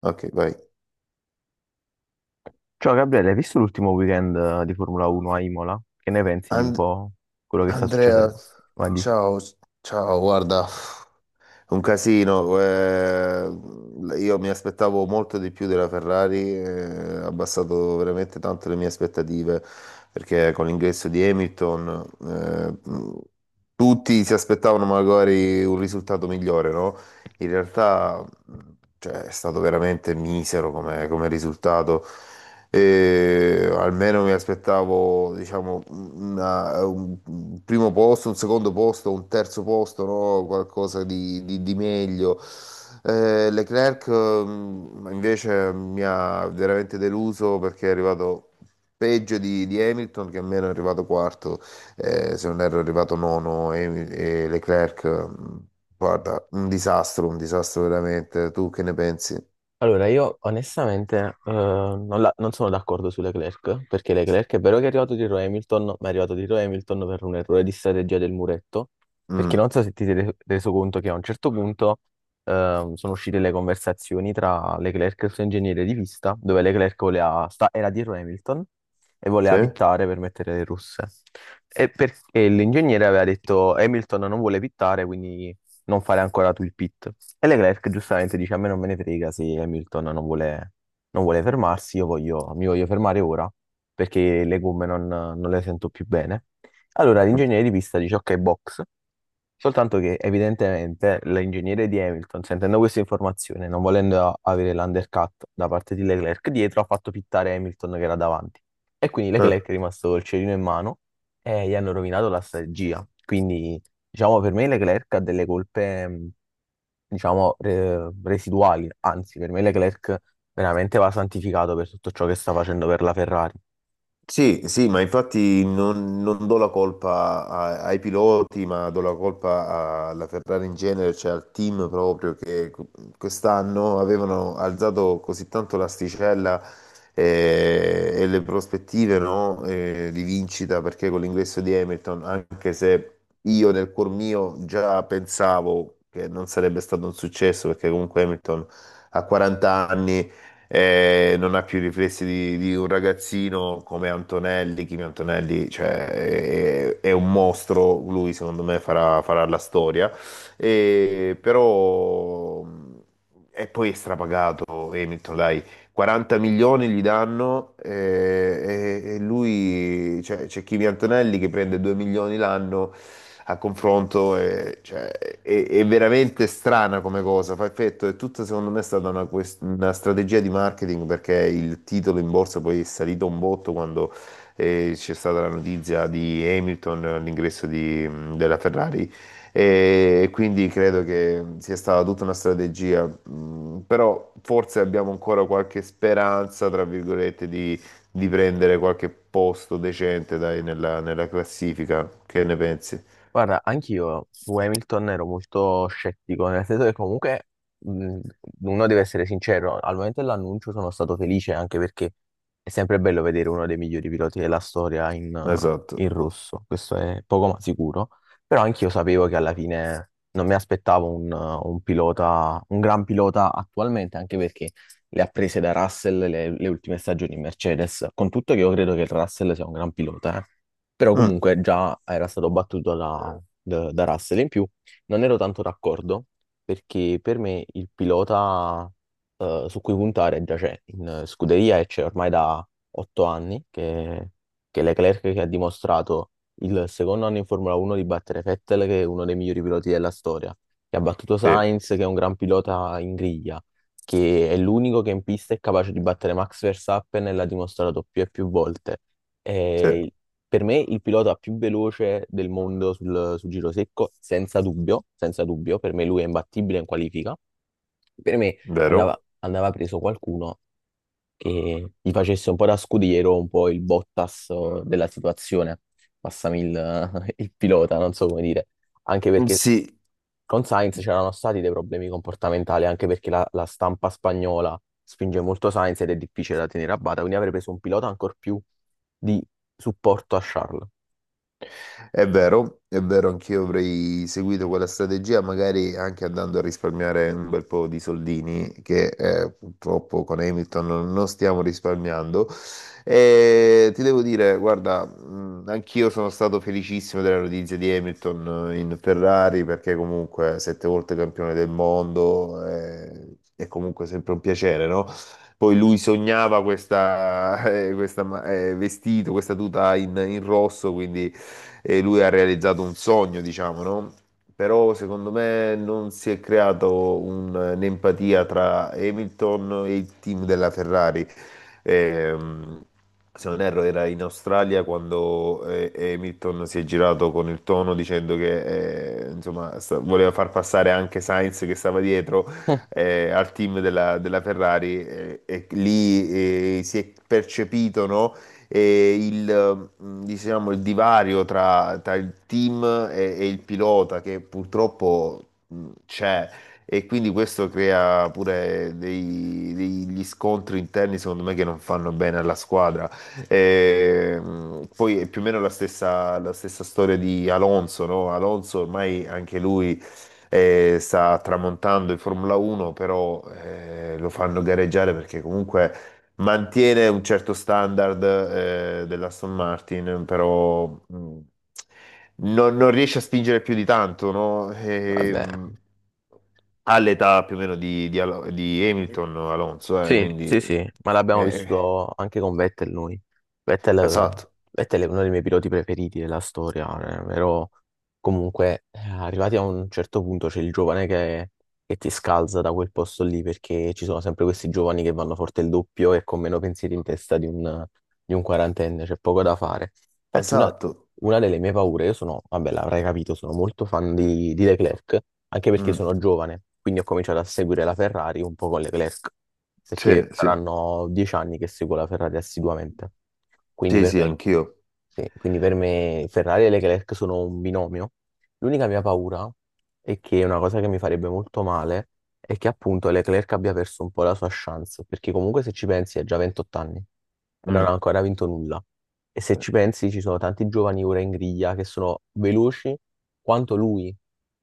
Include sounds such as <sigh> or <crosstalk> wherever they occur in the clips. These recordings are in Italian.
Ok, vai. Ciao Gabriele, hai visto l'ultimo weekend di Formula 1 a Imola? Che ne pensi di un And- po' quello che sta Andrea, succedendo? ciao, ciao, guarda, un casino. Io mi aspettavo molto di più della Ferrari, ha abbassato veramente tanto le mie aspettative, perché con l'ingresso di Hamilton, tutti si aspettavano magari un risultato migliore, no? In realtà cioè, è stato veramente misero come, come risultato. E almeno mi aspettavo, diciamo, un primo posto, un secondo posto, un terzo posto, no? Qualcosa di, di meglio. Leclerc invece mi ha veramente deluso perché è arrivato peggio di Hamilton, che almeno è arrivato quarto, se non erro è arrivato nono e Leclerc. Guarda, un disastro veramente. Tu che ne pensi? Allora, io onestamente non, non sono d'accordo su Leclerc, perché Leclerc è vero che è arrivato dietro Hamilton, ma è arrivato dietro Hamilton per un errore di strategia del muretto, perché Mm. non so se ti sei reso conto che a un certo punto sono uscite le conversazioni tra Leclerc e il suo ingegnere di pista, dove Leclerc voleva era dietro Hamilton e voleva Sì? pittare per mettere le russe. E perché l'ingegnere aveva detto Hamilton non vuole pittare, quindi non fare ancora tu il pit. E Leclerc giustamente dice: A me non me ne frega se Hamilton non vuole, non vuole fermarsi, mi voglio fermare ora perché le gomme non le sento più bene. Allora l'ingegnere di pista dice: Ok, box. Soltanto che evidentemente l'ingegnere di Hamilton, sentendo questa informazione, non volendo avere l'undercut da parte di Leclerc dietro, ha fatto pittare Hamilton che era davanti. E quindi Eh. Leclerc è rimasto col cerino in mano e gli hanno rovinato la strategia. Quindi, diciamo, per me Leclerc ha delle colpe. Diciamo, residuali. Anzi, per me Leclerc veramente va santificato per tutto ciò che sta facendo per la Ferrari. Sì, sì, ma infatti non, non do la colpa ai piloti, ma do la colpa alla Ferrari in genere, cioè al team proprio che quest'anno avevano alzato così tanto l'asticella, e, le prospettive, no, di vincita, perché con l'ingresso di Hamilton, anche se io nel cuor mio già pensavo che non sarebbe stato un successo, perché comunque Hamilton ha 40 anni, non ha più i riflessi di un ragazzino come Antonelli. Kimi Antonelli, cioè, è un mostro, lui secondo me farà, farà la storia. E, però, e poi è strapagato Hamilton, dai, 40 milioni gli danno, e lui, cioè, c'è Kimi Antonelli che prende 2 milioni l'anno a confronto, cioè, è veramente strana come cosa, fa effetto, è tutta secondo me è stata una, una strategia di marketing perché il titolo in borsa poi è salito un botto quando, c'è stata la notizia di Hamilton, l'ingresso della Ferrari e quindi credo che sia stata tutta una strategia, però forse abbiamo ancora qualche speranza, tra virgolette, di prendere qualche posto decente, dai, nella, nella classifica. Che ne pensi? Guarda, anch'io su Hamilton ero molto scettico, nel senso che comunque mh, uno deve essere sincero, al momento dell'annuncio sono stato felice anche perché è sempre bello vedere uno dei migliori piloti della storia in, Esatto. In rosso, questo è poco ma sicuro, però anch'io sapevo che alla fine non mi aspettavo un pilota, un gran pilota attualmente, anche perché le ha prese da Russell le ultime stagioni in Mercedes, con tutto che io credo che Russell sia un gran pilota, eh. Però Mm, comunque già era stato battuto da Russell. In più non ero tanto d'accordo perché per me il pilota su cui puntare già c'è in scuderia e c'è ormai da otto anni che Leclerc che ha dimostrato il secondo anno in Formula 1 di battere Vettel che è uno dei migliori piloti della storia, che ha battuto sì, Sainz che è un gran pilota in griglia, che è l'unico che in pista è capace di battere Max Verstappen e l'ha dimostrato più e più volte. sì, Eh, per me il pilota più veloce del mondo sul giro secco, senza dubbio, senza dubbio, per me lui è imbattibile in qualifica. Per me vero. andava, andava preso qualcuno che gli facesse un po' da scudiero, un po' il Bottas della situazione, passami il, <laughs> il pilota, non so come dire. Anche perché Sì, con Sainz c'erano stati dei problemi comportamentali, anche perché la stampa spagnola spinge molto Sainz ed è difficile da tenere a bada, quindi avrei preso un pilota ancora più di supporto a Charles. è vero, è vero, anch'io avrei seguito quella strategia, magari anche andando a risparmiare un bel po' di soldini, che purtroppo con Hamilton non non stiamo risparmiando. E ti devo dire, guarda, anch'io sono stato felicissimo della notizia di Hamilton, in Ferrari, perché comunque sette volte campione del mondo, è comunque sempre un piacere, no? Poi lui sognava questa, <laughs> questa vestito, questa tuta in in rosso, quindi e lui ha realizzato un sogno, diciamo, no? Però secondo me non si è creato un'empatia tra Hamilton e il team della Ferrari. Ehm, Se non erro, era in Australia quando Hamilton si è girato con il tono dicendo che insomma, voleva far passare anche Sainz che stava dietro, <laughs> al team della, della Ferrari, e lì si è percepito, no? E il, diciamo, il divario tra, tra il team e il pilota che purtroppo c'è e quindi questo crea pure degli scontri interni secondo me che non fanno bene alla squadra. E, poi è più o meno la stessa storia di Alonso, no? Alonso ormai anche lui, sta tramontando in Formula 1, però lo fanno gareggiare perché comunque mantiene un certo standard, dell'Aston Martin, però non, non riesce a spingere più di tanto, no? E, Vabbè. All'età più o meno di di Hamilton o Alonso, Sì, quindi sì, sì, ma l'abbiamo eh, vissuto anche con Vettel noi. Vettel, esatto, Vettel è uno dei miei piloti preferiti della storia, però comunque arrivati a un certo punto c'è il giovane che ti scalza da quel posto lì perché ci sono sempre questi giovani che vanno forte il doppio e con meno pensieri in testa di un quarantenne, c'è poco da fare. Infatti una, esatto. Una delle mie paure, io sono, vabbè, l'avrai capito, sono molto fan di Leclerc, anche perché Mm, sono giovane, quindi ho cominciato a seguire la Ferrari un po' con Leclerc, perché sì, sì, saranno dieci anni che seguo la Ferrari assiduamente. Quindi sì, per sì, me, anch'io. sì, quindi per me Ferrari e Leclerc sono un binomio. L'unica mia paura è che una cosa che mi farebbe molto male è che appunto Leclerc abbia perso un po' la sua chance, perché comunque se ci pensi ha già 28 anni e non ha Mm, ancora vinto nulla. E se sì, ci pensi, ci sono tanti giovani ora in griglia che sono veloci quanto lui,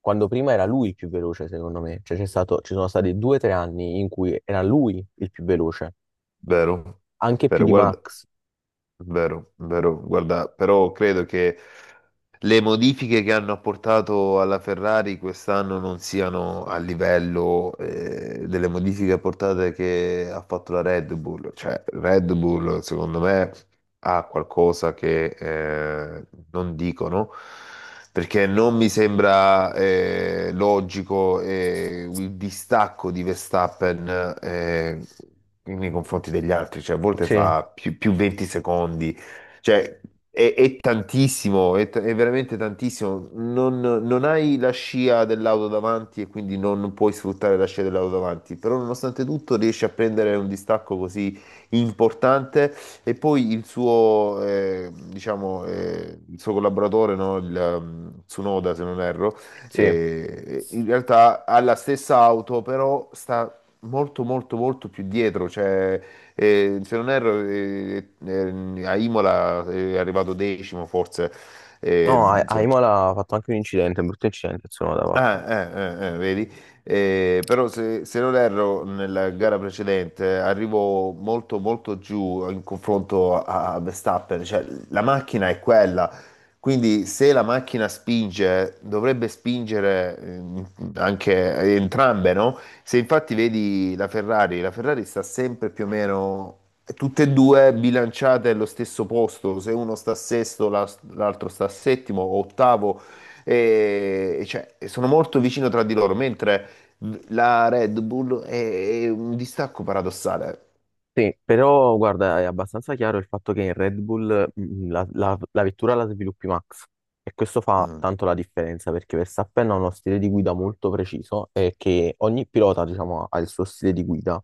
quando prima era lui il più veloce, secondo me. Cioè, c'è stato, ci sono stati due o tre anni in cui era lui il più veloce, vero, anche più vero, di guarda, Max. vero, vero, guarda, però credo che le modifiche che hanno apportato alla Ferrari quest'anno non siano a livello delle modifiche apportate che ha fatto la Red Bull. Cioè, Red Bull, secondo me, ha qualcosa che non dicono. Perché non mi sembra logico il distacco di Verstappen, nei confronti degli altri, cioè a volte Sì, fa più, più 20 secondi, cioè, è tantissimo, è, è veramente tantissimo. Non, non hai la scia dell'auto davanti e quindi non puoi sfruttare la scia dell'auto davanti, però nonostante tutto riesci a prendere un distacco così importante e poi il suo, diciamo, il suo collaboratore, no, il, Tsunoda, se non erro, sì. In realtà ha la stessa auto, però sta molto molto molto più dietro, cioè se non erro, a Imola è arrivato decimo, forse, No, eh, a se- Imola ha fatto anche un incidente, un brutto incidente, insomma, l'ha fatto. ah, vedi? Però se, se non erro nella gara precedente arrivo molto molto giù in confronto a, a Verstappen, cioè la macchina è quella, quindi se la macchina spinge dovrebbe spingere, anche entrambe, no? Se infatti vedi la Ferrari sta sempre più o meno tutte e due bilanciate allo stesso posto, se uno sta sesto l'altro sta settimo o ottavo e cioè, sono molto vicino tra di loro, mentre la Red Bull è un distacco paradossale. Sì, però guarda, è abbastanza chiaro il fatto che in Red Bull mm, la vettura la sviluppi Max e questo fa Mm. tanto la differenza perché Verstappen ha uno stile di guida molto preciso e che ogni pilota, diciamo, ha il suo stile di guida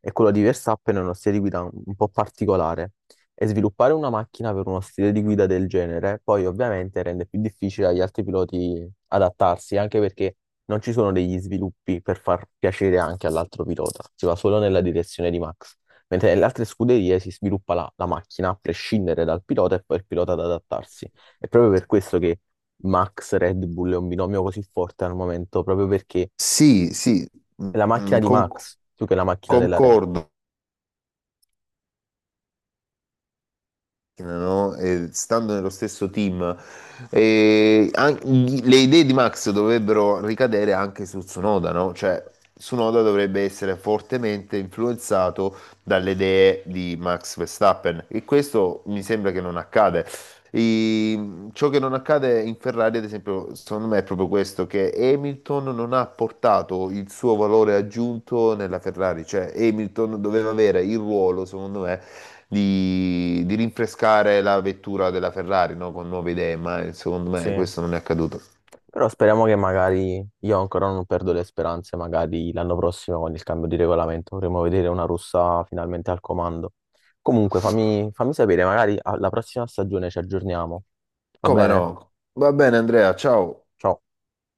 e quello di Verstappen è uno stile di guida un po' particolare e sviluppare una macchina per uno stile di guida del genere poi ovviamente rende più difficile agli altri piloti adattarsi anche perché non ci sono degli sviluppi per far piacere anche all'altro pilota, si va solo nella direzione di Max. Mentre nelle altre scuderie si sviluppa la macchina a prescindere dal pilota e poi il pilota ad adattarsi. È proprio per questo che Max Red Bull è un binomio così forte al momento, proprio perché Sì, sì, mm, è la macchina mm, di Max più che la macchina della Red Bull. concordo. No? E stando nello stesso team, e le idee di Max dovrebbero ricadere anche su Tsunoda, no? Cioè, Tsunoda dovrebbe essere fortemente influenzato dalle idee di Max Verstappen e questo mi sembra che non accade. Ciò che non accade in Ferrari, ad esempio, secondo me è proprio questo, che Hamilton non ha portato il suo valore aggiunto nella Ferrari, cioè Hamilton doveva avere il ruolo, secondo me, di rinfrescare la vettura della Ferrari, no? Con nuove idee, ma secondo me Sì. questo non è accaduto. Però speriamo che magari, io ancora non perdo le speranze, magari l'anno prossimo con il cambio di regolamento vorremmo vedere una russa finalmente al comando. Comunque fammi, fammi sapere, magari alla prossima stagione ci aggiorniamo, va Come bene? no? Va bene, Andrea, ciao. Ciao.